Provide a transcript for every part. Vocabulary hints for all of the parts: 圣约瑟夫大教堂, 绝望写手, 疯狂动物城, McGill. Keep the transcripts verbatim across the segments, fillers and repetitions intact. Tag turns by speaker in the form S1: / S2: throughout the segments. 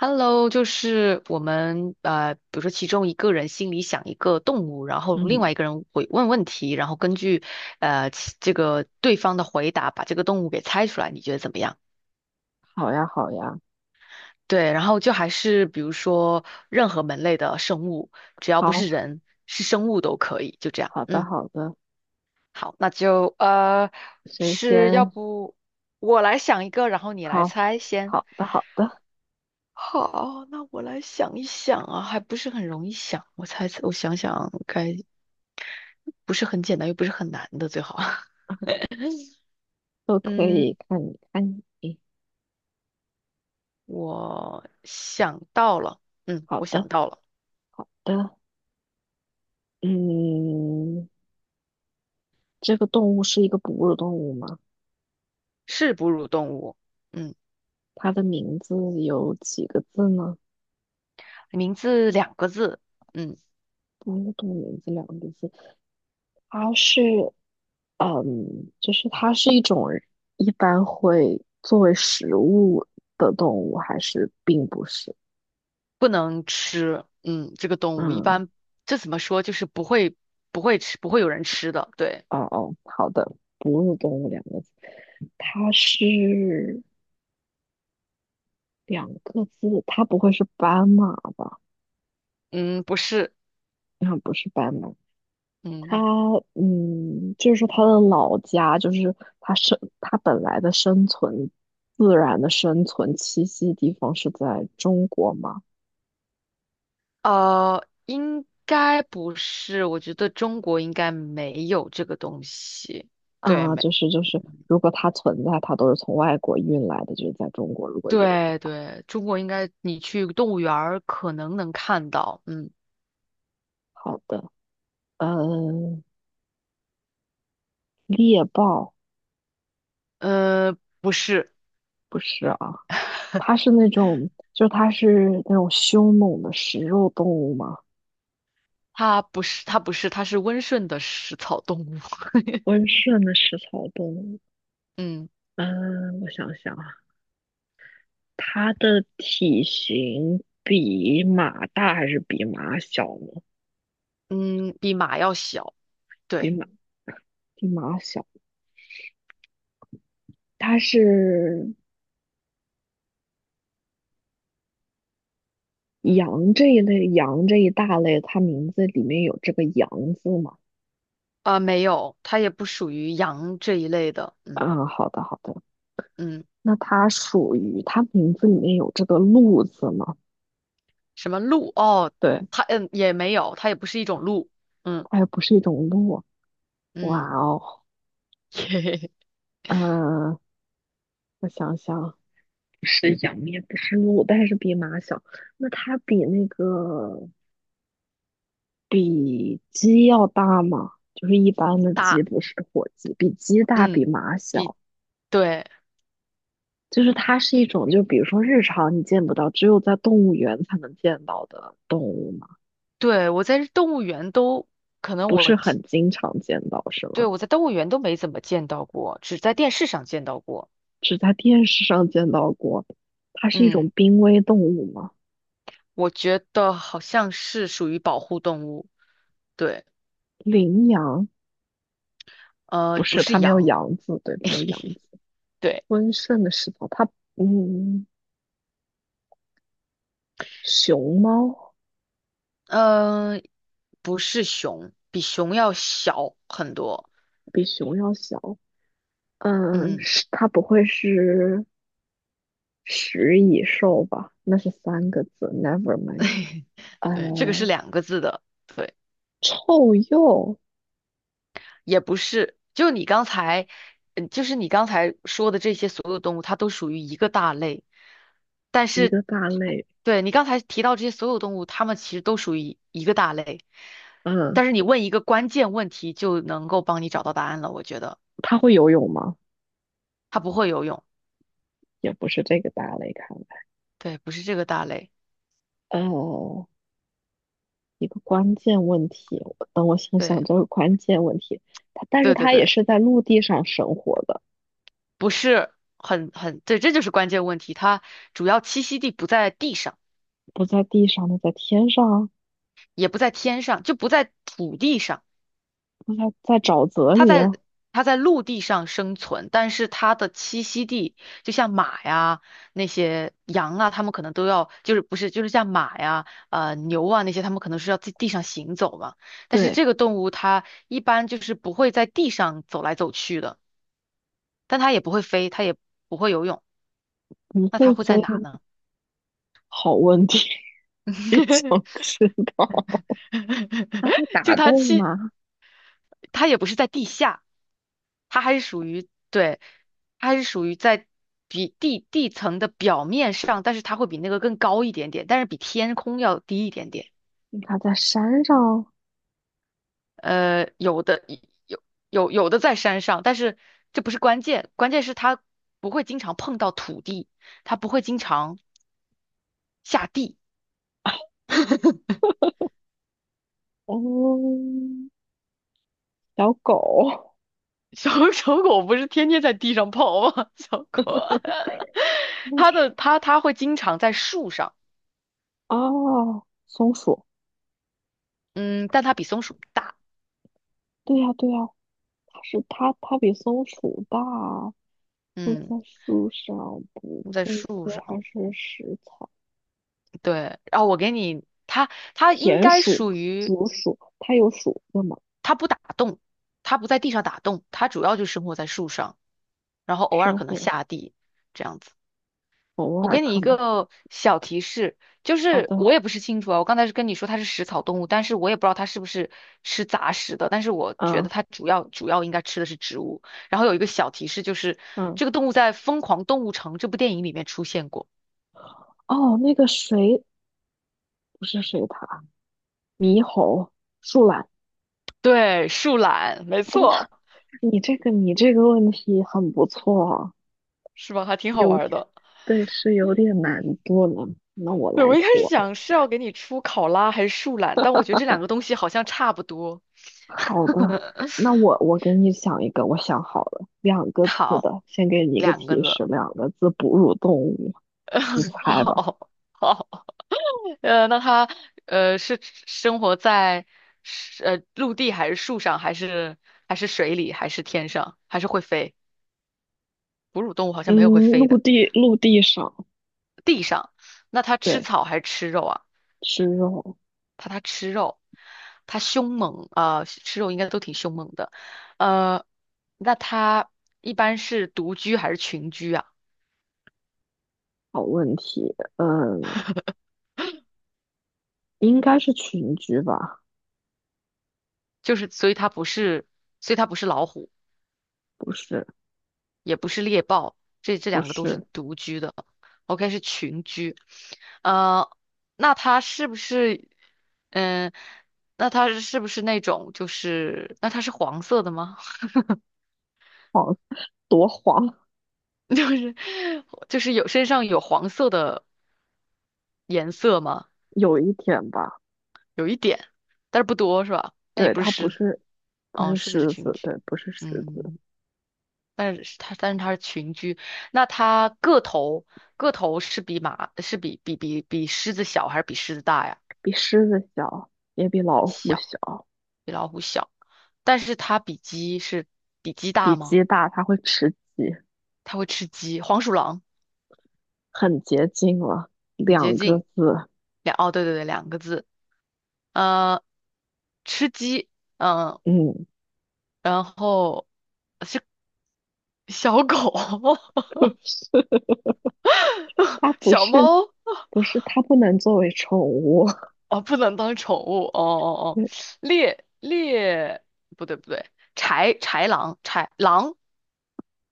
S1: Hello，就是我们呃，比如说其中一个人心里想一个动物，然后另
S2: 嗯，
S1: 外一个人会问问题，然后根据呃其这个对方的回答把这个动物给猜出来，你觉得怎么样？
S2: 好呀，好呀，
S1: 对，然后就还是比如说任何门类的生物，只要不
S2: 好，
S1: 是人，是生物都可以，就这样。
S2: 好的，
S1: 嗯，
S2: 好的，
S1: 好，那就呃
S2: 谁
S1: 是要
S2: 先？
S1: 不我来想一个，然后你来
S2: 好，
S1: 猜先。
S2: 好的，好的，
S1: 好，那我来想一想啊，还不是很容易想。我猜，我想想该不是很简单，又不是很难的，最好。
S2: 都可
S1: 嗯，
S2: 以看你，看你，
S1: 我想到了，嗯，
S2: 好
S1: 我
S2: 的，
S1: 想到了，
S2: 好的，嗯，这个动物是一个哺乳动物吗？
S1: 是哺乳动物，嗯，
S2: 它的名字有几个字呢？
S1: 名字两个字，嗯，
S2: 哺乳动物名字两个字，它是，嗯，就是它是一种一般会作为食物的动物，还是并不是？
S1: 不能吃，嗯，这个动物一
S2: 嗯。
S1: 般这怎么说，就是不会不会吃，不会有人吃的，对，
S2: 哦哦，好的，哺乳动物两个字，它是两个字，它不会是斑马吧？
S1: 嗯，不是，
S2: 应该不是斑马，它
S1: 嗯。
S2: 嗯，就是说它的老家，就是它生它本来的生存自然的生存栖息地方是在中国吗？
S1: 呃，应该不是，我觉得中国应该没有这个东西。对，
S2: 啊，
S1: 没，
S2: 就是就是，如果它存在，它都是从外国运来的，就是在中国如果有的
S1: 对
S2: 话，
S1: 对，中国应该你去动物园儿可能能看到。嗯，
S2: 好的，嗯，猎豹
S1: 呃，不是，
S2: 不是啊。它是那种，就它是那种凶猛的食肉动物吗？
S1: 它不是，它不是，它是温顺的食草动物。
S2: 温顺的食草动物，
S1: 嗯
S2: 嗯，我想想啊，它的体型比马大还是比马小呢？
S1: 嗯，比马要小。
S2: 比
S1: 对，
S2: 马，比马小。它是羊这一类，羊这一大类，它名字里面有这个羊字吗？
S1: 啊、没有，它也不属于羊这一类的。嗯
S2: 嗯，好的好的。
S1: 嗯，
S2: 那它属于它名字里面有这个鹿字吗？
S1: 什么鹿？哦，
S2: 对，
S1: 它嗯也没有，它也不是一种鹿。嗯
S2: 它也不是一种鹿啊。哇
S1: 嗯。
S2: 哦，嗯、我想想，不是羊，也不是鹿，但是比马小。那它比那个比鸡要大吗？就是一般的鸡，
S1: 大，
S2: 不是火鸡，比鸡大，比
S1: 嗯，
S2: 马
S1: 比，
S2: 小。
S1: 对，
S2: 就是它是一种，就比如说日常你见不到，只有在动物园才能见到的动物嘛，
S1: 对，我在动物园都，可能
S2: 不
S1: 我
S2: 是
S1: 记
S2: 很经常见到，是
S1: 对，
S2: 吗？
S1: 我在动物园都没怎么见到过，只在电视上见到过。
S2: 只在电视上见到过。它是一种
S1: 嗯，
S2: 濒危动物吗？
S1: 我觉得好像是属于保护动物，对，
S2: 羚羊
S1: 呃，
S2: 不
S1: 不
S2: 是，
S1: 是
S2: 它没有
S1: 羊，
S2: 羊字，对，没有羊字。
S1: 对，
S2: 温顺的食草，它嗯。熊猫
S1: 嗯、不是熊，比熊要小很多，
S2: 比熊要小，嗯，
S1: 嗯，
S2: 是它不会是食蚁兽吧？那是三个字，never mind。
S1: 对，这个是
S2: 呃，
S1: 两个字的，对，
S2: 臭鼬
S1: 也不是，就你刚才，嗯，就是你刚才说的这些所有动物，它都属于一个大类，但
S2: 一
S1: 是
S2: 个大
S1: 它
S2: 类，
S1: 对，你刚才提到这些所有动物，它们其实都属于一个大类，
S2: 嗯，
S1: 但是你问一个关键问题就能够帮你找到答案了，我觉得
S2: 它会游泳吗？
S1: 它不会游泳，
S2: 也不是这个大类，看来，
S1: 对，不是这个大类，
S2: 呃，一个关键问题，我等我想想
S1: 对，
S2: 这个关键问题。它，但是
S1: 对对
S2: 它也
S1: 对，
S2: 是在陆地上生活的，
S1: 不是很很，对，这就是关键问题，它主要栖息地不在地上，
S2: 不在地上的，在天上啊，
S1: 也不在天上，就不在土地上。
S2: 不在在沼泽
S1: 它
S2: 里
S1: 在
S2: 啊。
S1: 它在陆地上生存，但是它的栖息地就像马呀、那些羊啊，它们可能都要就是不是就是像马呀、呃牛啊那些，它们可能是要在地上行走嘛。但是
S2: 对，
S1: 这个动物它一般就是不会在地上走来走去的，但它也不会飞，它也不会游泳，
S2: 不
S1: 那
S2: 会
S1: 它会
S2: 飞，
S1: 在哪呢？
S2: 好问题。也想知道。它在
S1: 就
S2: 打
S1: 它
S2: 洞
S1: 栖，
S2: 吗？
S1: 它也不是在地下。它还是属于对，它还是属于在比地地层的表面上，但是它会比那个更高一点点，但是比天空要低一点点。
S2: 它在山上。
S1: 呃，有的有有有的在山上，但是这不是关键，关键是它不会经常碰到土地，它不会经常下地。
S2: 嗯，小狗
S1: 小 小狗不是天天在地上跑吗？小狗，
S2: 那是
S1: 它的它它会经常在树上，
S2: 啊，松鼠。
S1: 嗯，但它比松鼠大，
S2: 对呀，对呀，它是它，它比松鼠大，住
S1: 嗯，
S2: 在树上不
S1: 在
S2: 会
S1: 树
S2: 飞，
S1: 上。
S2: 还是食草？
S1: 对，然后我给你，它它应
S2: 田
S1: 该
S2: 鼠、
S1: 属于
S2: 竹鼠，它有鼠子吗？
S1: 它不打洞，它不在地上打洞，它主要就生活在树上，然后偶尔
S2: 身
S1: 可能
S2: 份
S1: 下地这样子。
S2: 偶
S1: 我
S2: 尔
S1: 给你
S2: 可
S1: 一
S2: 能。
S1: 个小提示，就
S2: 好
S1: 是
S2: 的，
S1: 我也不是清楚啊，我刚才是跟你说它是食草动物，但是我也不知道它是不是吃杂食的，但是我觉得
S2: 嗯
S1: 它主要主要应该吃的是植物。然后有一个小提示，就是
S2: 嗯，
S1: 这个动物在《疯狂动物城》这部电影里面出现过，
S2: 哦，那个水不是水獭，猕猴、树懒。
S1: 对，树懒，没
S2: 哦，
S1: 错，
S2: 你这个你这个问题很不错啊，
S1: 是吧？还挺好
S2: 有
S1: 玩
S2: 点，
S1: 的。
S2: 对，是有点难度了。那我
S1: 对，
S2: 来
S1: 我一开始
S2: 做，
S1: 想是要给你出考拉还是树懒，但我觉得这两个东西好像差不多。
S2: 好的，那我我给你想一个，我想好了，两个字
S1: 好，
S2: 的，先给你一个
S1: 两个
S2: 提
S1: 字。
S2: 示，两个字，哺乳动物，你 猜吧。
S1: 好，好，呃，那它呃是生活在是呃陆地还是树上，还是还是水里，还是天上，还是会飞？哺乳动物好像没有会
S2: 嗯，
S1: 飞
S2: 陆
S1: 的。
S2: 地陆地上，
S1: 地上，那它吃
S2: 对，
S1: 草还是吃肉啊？
S2: 吃肉，
S1: 怕它吃肉，它凶猛啊、呃吃肉应该都挺凶猛的。呃，那它一般是独居还是群居啊？
S2: 好问题，嗯，应该是群居吧？
S1: 就是所以它不是，所以它不是老虎，
S2: 不是，
S1: 也不是猎豹，这这
S2: 不
S1: 两个都是
S2: 是，
S1: 独居的。OK，是群居。呃，那它是不是，嗯、那它是是不是那种就是，那它是黄色的吗？
S2: 黄，多黄，
S1: 就是就是有身上有黄色的颜色吗？
S2: 有一点吧。
S1: 但是不多是吧？那也
S2: 对，
S1: 不是
S2: 它不
S1: 狮子，
S2: 是不
S1: 哦，
S2: 是
S1: 狮子是
S2: 狮
S1: 群
S2: 子，对，
S1: 居，
S2: 不是狮子，
S1: 嗯，但是它但是它是群居，那它个头个头是比马是比比比比狮子小还是比狮子大呀？
S2: 比狮子小，也比老虎
S1: 小，
S2: 小，
S1: 比老虎小，但是它比鸡是比鸡
S2: 比
S1: 大吗？
S2: 鸡大，它会吃鸡，
S1: 它会吃鸡，黄鼠狼
S2: 很接近了，
S1: 很接
S2: 两个
S1: 近，
S2: 字，
S1: 两哦对对对两个字，呃，吃鸡，嗯，
S2: 嗯，
S1: 然后是小狗，
S2: 不是，它 不
S1: 小
S2: 是
S1: 猫。
S2: 不是，它不能作为宠物，
S1: 哦，不能当宠物，哦 哦哦，
S2: 对，
S1: 猎猎，不对不对，豺豺狼，豺狼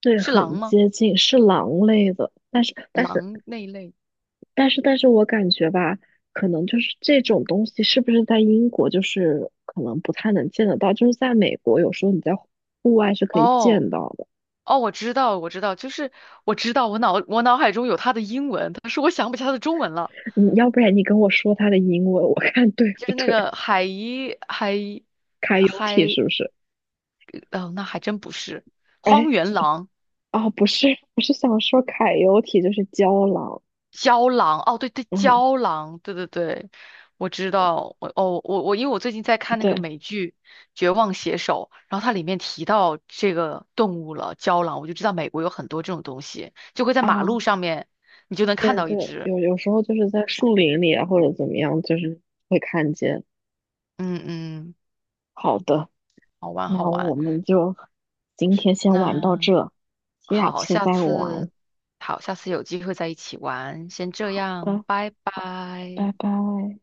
S2: 对，
S1: 是狼
S2: 很
S1: 吗？
S2: 接近，是狼类的，但是但是
S1: 狼那一类。
S2: 但是但是我感觉吧，可能就是这种东西是不是在英国就是可能不太能见得到，就是在美国有时候你在户外是可以
S1: 哦
S2: 见到的。
S1: 哦，我知道我知道，就是我知道我脑我脑海中有它的英文，但是我想不起它的中文了，
S2: 你要不然你跟我说它的英文，我 看对
S1: 就
S2: 不
S1: 是那
S2: 对
S1: 个海一海一
S2: 凯尤体
S1: 海，
S2: 是不是？
S1: 哦，那还真不是荒
S2: 哎，
S1: 原狼。
S2: 哦，不是，我是想说凯尤体就是郊狼。
S1: 胶囊，哦，对对，
S2: 嗯，
S1: 胶囊，对对对，我知道，我哦，我我因为我最近在看那
S2: 对
S1: 个美剧《绝望写手》，然后它里面提到这个动物了，胶囊，我就知道美国有很多这种东西，就会在马
S2: 啊，
S1: 路上面，你就能看
S2: 对
S1: 到
S2: 对，
S1: 一只，
S2: 有有时候就是在树林里啊，或者怎么样，就是会看见。
S1: 嗯嗯，
S2: 好的，
S1: 好玩好
S2: 那我
S1: 玩，
S2: 们就今天先玩到
S1: 那
S2: 这，下
S1: 好，
S2: 次
S1: 下
S2: 再
S1: 次
S2: 玩。
S1: 好，下次有机会再一起玩，先这样，
S2: 拜
S1: 拜
S2: 拜
S1: 拜。
S2: 拜。